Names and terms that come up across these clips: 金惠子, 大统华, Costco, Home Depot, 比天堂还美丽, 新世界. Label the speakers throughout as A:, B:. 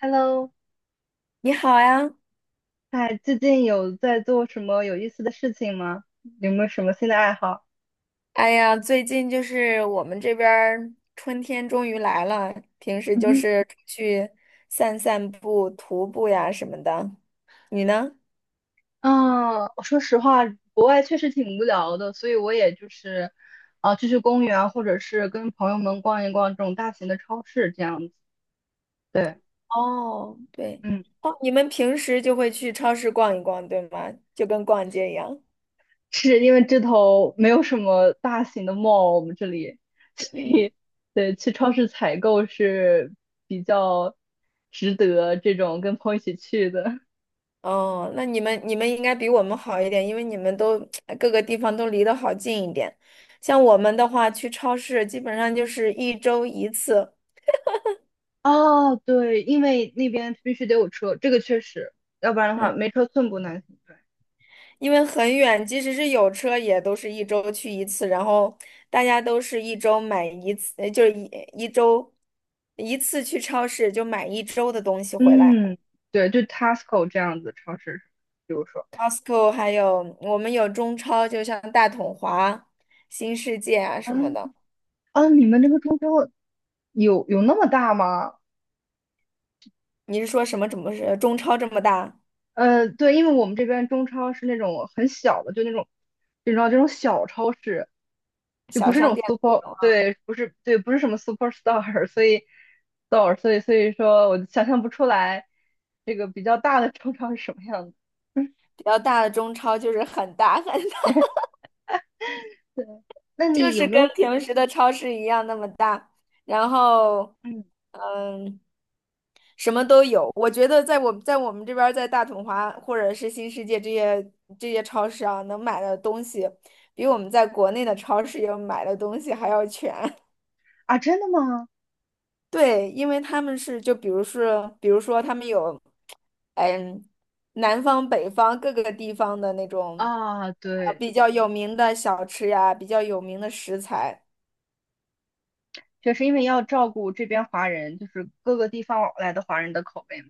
A: Hello，
B: 你好呀。
A: 哎，最近有在做什么有意思的事情吗？有没有什么新的爱好？
B: 最近就是我们这边儿春天终于来了，平时
A: 嗯
B: 就
A: 哼。
B: 是出去散散步、徒步呀什么的。你呢？
A: 啊，我说实话，国外确实挺无聊的，所以我也就是，啊、去公园啊，或者是跟朋友们逛一逛这种大型的超市这样子。对。
B: 哦，对。
A: 嗯，
B: 哦，你们平时就会去超市逛一逛，对吗？就跟逛街一样。
A: 是因为这头没有什么大型的 mall，我们这里，所
B: 嗯。
A: 以对，去超市采购是比较值得这种跟朋友一起去的。
B: 哦，那你们应该比我们好一点，因为你们都 各个地方都离得好近一点。像我们的话，去超市基本上就是一周一次。
A: 哦，对，因为那边必须得有车，这个确实，要不然的
B: 嗯。
A: 话没车寸步难行。对。
B: 因为很远，即使是有车，也都是一周去一次，然后大家都是一周买一次，就是一周一次去超市就买一周的东西回来。
A: 嗯，对，就 Tesco 这样子超市，比如说，
B: Costco 还有我们有中超，就像大统华、新世界啊
A: 啊
B: 什么的。
A: 啊，你们这个中超有那么大吗？
B: 你是说什么？怎么是中超这么大
A: 呃，对，因为我们这边中超是那种很小的，就那种，你知道这种小超市，就不
B: 小
A: 是那
B: 商
A: 种
B: 店
A: super，
B: 那种啊？
A: 对，不是，对，不是什么 superstar，所以 store，所以说我想象不出来这个比较大的中超是什么样子。
B: 比较大的中超就是很大很大。
A: 对，那
B: 就
A: 你有
B: 是
A: 没
B: 跟
A: 有？
B: 平时的超市一样那么大，然后，
A: 嗯，
B: 嗯，什么都有。我觉得在我们这边儿，在大统华或者是新世界这些这些超市啊，能买的东西，比我们在国内的超市要买的东西还要全。
A: 啊，真的吗？
B: 对，因为他们是就比如是，比如说他们有，嗯，南方、北方各个地方的那种，
A: 啊，对，
B: 比较有名的小吃呀，比较有名的食材。
A: 确实，因为要照顾这边华人，就是各个地方来的华人的口味嘛。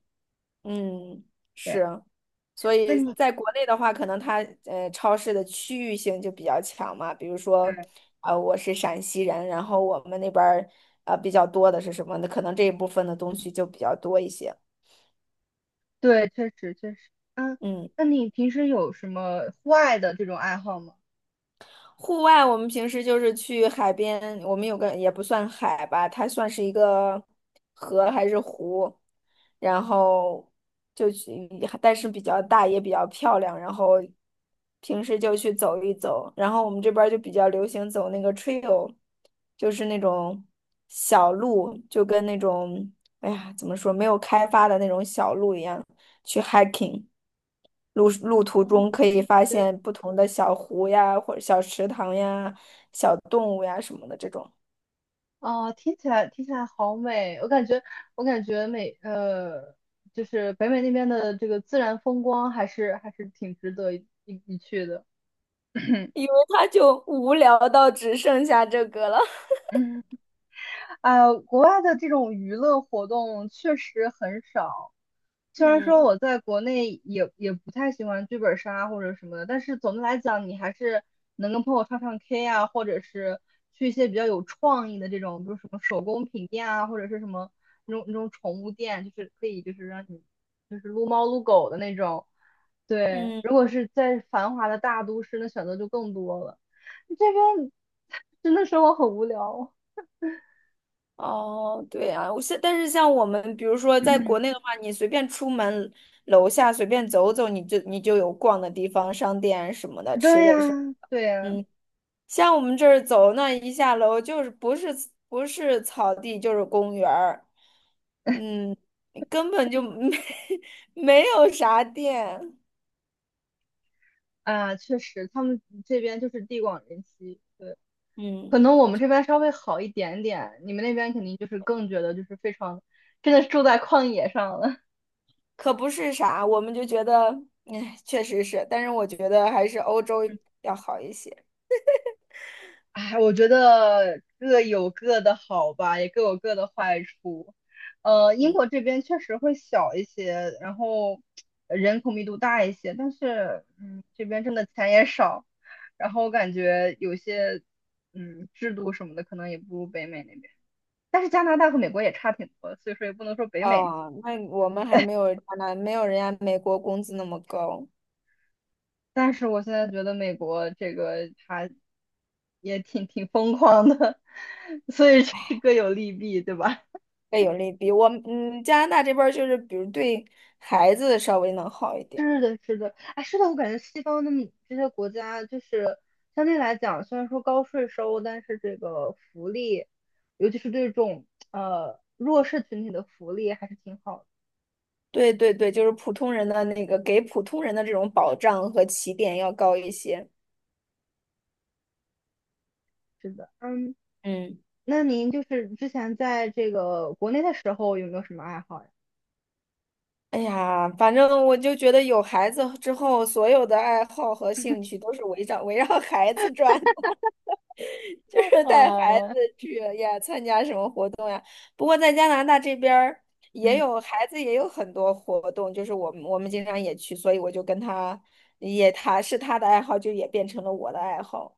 B: 嗯，
A: 对，
B: 是。所
A: 那
B: 以
A: 你
B: 在国内的话，可能它超市的区域性就比较强嘛。比如说，
A: 对
B: 我是陕西人，然后我们那边儿比较多的是什么的，可能这一部分的东西就比较多一些。
A: 对，确实确实。嗯，
B: 嗯。
A: 那你平时有什么户外的这种爱好吗？
B: 户外我们平时就是去海边，我们有个也不算海吧，它算是一个河还是湖，然后就去，但是比较大也比较漂亮，然后平时就去走一走。然后我们这边儿就比较流行走那个 trail，就是那种小路，就跟那种哎呀怎么说没有开发的那种小路一样。去 hiking，路路途
A: 嗯，
B: 中可以发
A: 对。
B: 现不同的小湖呀，或者小池塘呀、小动物呀什么的这种。
A: 啊，听起来好美，我感觉我感觉美，呃，就是北美那边的这个自然风光还是挺值得一去的。
B: 因为他就无聊到只剩下这个了。
A: 嗯，哎呀，国外的这种娱乐活动确实很少。虽然说
B: 嗯
A: 我在国内也不太喜欢剧本杀或者什么的，但是总的来讲，你还是能跟朋友唱唱 K 啊，或者是去一些比较有创意的这种，比如什么手工品店啊，或者是什么那种宠物店，就是可以让你撸猫撸狗的那种。对，
B: 嗯。
A: 如果是在繁华的大都市，那选择就更多了。这边 真的生活很无聊。
B: 哦，对啊。我现但是像我们，比如说在
A: 嗯，
B: 国内的话，你随便出门楼下随便走走，你就有逛的地方，商店什么的，吃
A: 对呀，
B: 的什么。
A: 对呀。
B: 嗯，像我们这儿走那一下楼，就是不是草地就是公园儿，嗯，根本就没 没有啥店。
A: 啊，确实，他们这边就是地广人稀。对，
B: 嗯，
A: 可能我们这边稍微好一点点，你们那边肯定就是更觉得就是非常，真的是住在旷野上了。
B: 可不是啥，我们就觉得，哎，确实是。但是我觉得还是欧洲要好一些。
A: 哎，我觉得各有各的好吧，也各有各的坏处。呃，英
B: 嗯。
A: 国这边确实会小一些，然后呃人口密度大一些，但是嗯，这边真的钱也少，然后我感觉有些嗯制度什么的可能也不如北美那边。但是加拿大和美国也差挺多，所以说也不能说北美。
B: 哦，那我们还没有没有人家美国工资那么高。
A: 但是我现在觉得美国这个它也挺疯狂的，所以是各有利弊，对吧？
B: 被有利比，我们加拿大这边儿就是，比如对孩子稍微能好一 点。
A: 是的，是的，哎，是的，我感觉西方的这些国家，就是相对来讲，虽然说高税收，但是这个福利，尤其是对这种呃弱势群体的福利，还是挺好的。
B: 对对对，就是普通人的那个给普通人的这种保障和起点要高一些。
A: 是的。嗯，
B: 嗯。
A: 那您就是之前在这个国内的时候，有没有什么爱好呀？
B: 哎呀，反正我就觉得有孩子之后，所有的爱好和兴趣都是围绕孩子转，就是带孩子
A: 哦，
B: 去呀参加什么活动。不过在加拿大这边儿也
A: 嗯。
B: 有孩子也有很多活动，就是我们经常也去，所以我就跟他也他的爱好，就也变成了我的爱好。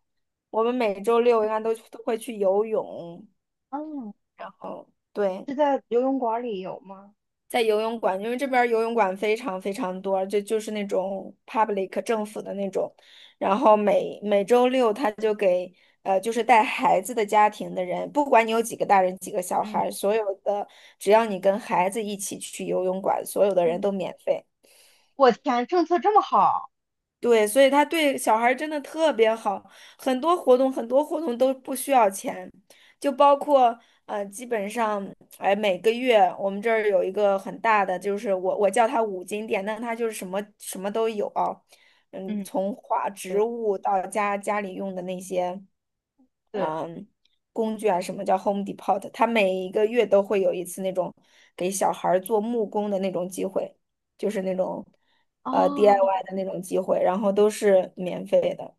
B: 我们每周六应该都会去游泳，
A: 嗯，
B: 然后对。
A: 是在游泳馆里有吗？
B: 在游泳馆，因为这边儿游泳馆非常非常多，就是那种 public 政府的那种，然后每周六他就给就是带孩子的家庭的人，不管你有几个大人几个小孩
A: 嗯
B: 儿，所有的只要你跟孩子一起去游泳馆，所有的人
A: 嗯，
B: 都免费。
A: 我天，政策这么好！
B: 对，所以他对小孩儿真的特别好，很多活动都不需要钱，就包括基本上哎每个月我们这儿有一个很大的，就是我叫它五金店，但它就是什么什么都有啊，嗯，
A: 嗯，
B: 从花植
A: 对，
B: 物到家里用的那些
A: 对，
B: 工具啊，什么叫 Home Depot，它每一个月都会有一次那种给小孩儿做木工的那种机会，就是那种。
A: 哦，
B: DIY 的那种机会，然后都是免费的。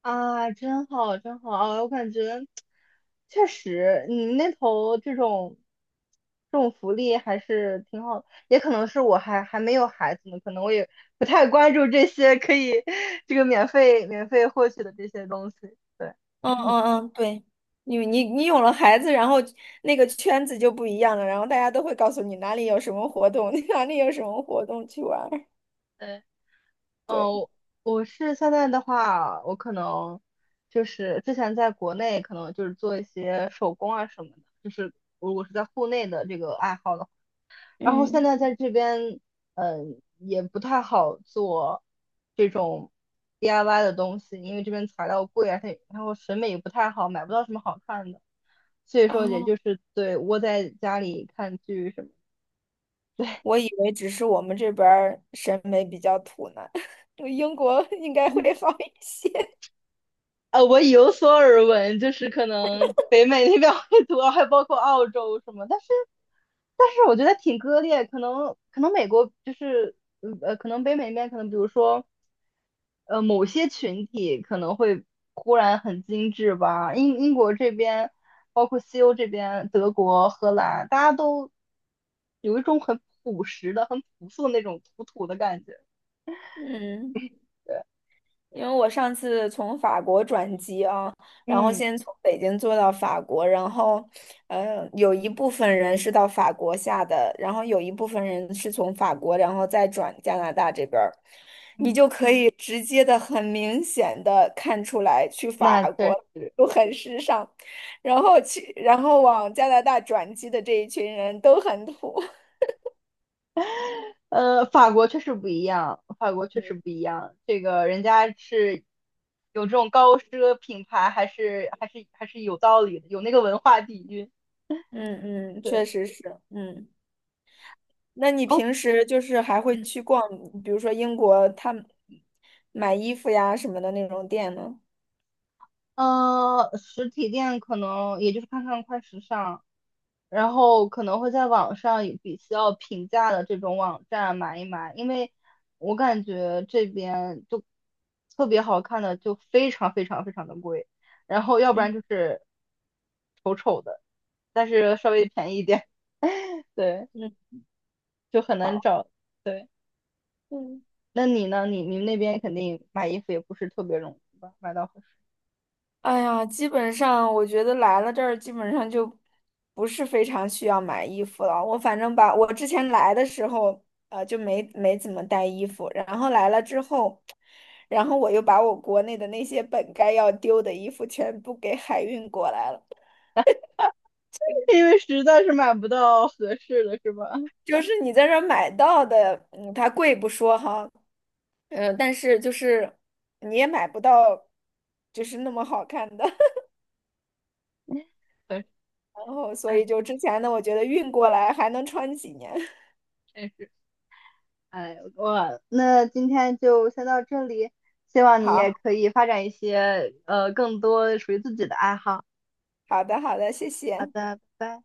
A: 啊，真好，真好！啊，我感觉确实，你们那头这种福利还是挺好的，也可能是我还没有孩子呢，可能我也不太关注这些可以 这个免费获取的这些东西。对。
B: 嗯 嗯嗯，对。你有了孩子，然后那个圈子就不一样了，然后大家都会告诉你哪里有什么活动，哪里有什么活动去玩儿。
A: 对。
B: 对。
A: 嗯，我是现在的话，我可能就是之前在国内可能就是做一些手工啊什么的，就是如果是在户内的这个爱好的话，然后现
B: 嗯。
A: 在在这边，嗯，也不太好做这种 DIY 的东西，因为这边材料贵啊，它然后审美也不太好，买不到什么好看的，所以说也
B: 哦，
A: 就是对窝在家里看剧什么。
B: 我以为只是我们这边儿审美比较土呢，英国应该会好一些。
A: 呃，我有所耳闻，就是可能北美那边会多，还包括澳洲什么，但是但是我觉得挺割裂，可能美国就是嗯呃，可能北美那边可能比如说呃某些群体可能会忽然很精致吧，英国这边，包括西欧这边，德国、荷兰，大家都有一种很朴实的、很朴素的那种土土的感觉。
B: 嗯。因为我上次从法国转机啊，然后
A: 嗯
B: 先从北京坐到法国，然后，有一部分人是到法国下的，然后有一部分人是从法国，然后再转加拿大这边儿。你
A: 嗯，
B: 就可以直接的、很明显的看出来，去法
A: 那
B: 国
A: 确实。
B: 都很时尚，然后去，然后往加拿大转机的这一群人都很土。
A: 呃，法国确实不一样，法国确实不一样。这个人家是有这种高奢品牌，还是有道理的，有那个文化底蕴。
B: 嗯嗯，确
A: 对。
B: 实是。嗯。那你
A: 哦，
B: 平时就是还会去逛，比如说英国，他们买衣服呀什么的那种店呢？
A: 呃，实体店可能也就是看看快时尚，然后可能会在网上有比较平价的这种网站买一买，因为我感觉这边就特别好看的就非常非常非常的贵，然后要不
B: 嗯
A: 然就是。丑丑的。但是稍微便宜一点，对，
B: 嗯。
A: 就很难
B: 好。
A: 找。对，
B: 嗯。
A: 那你呢？你们那边肯定买衣服也不是特别容易吧？买到合适，
B: 哎呀，基本上我觉得来了这儿，基本上就不是非常需要买衣服了。我反正把我之前来的时候，就没怎么带衣服，然后来了之后，然后我又把我国内的那些本该要丢的衣服全部给海运过来了。
A: 因为实在是买不到合适的，是吧？
B: 就是你在这儿买到的，嗯，它贵不说哈，嗯，但是就是你也买不到，就是那么好看的，
A: 对，
B: 然后所以
A: 哎，
B: 就之前呢，我觉得运过来还能穿几年。
A: 真是，哎，我那今天就先到这里，希望你也
B: 好，
A: 可以发展一些呃更多属于自己的爱好。
B: 好的，好的，谢
A: 好
B: 谢。
A: 的，拜拜。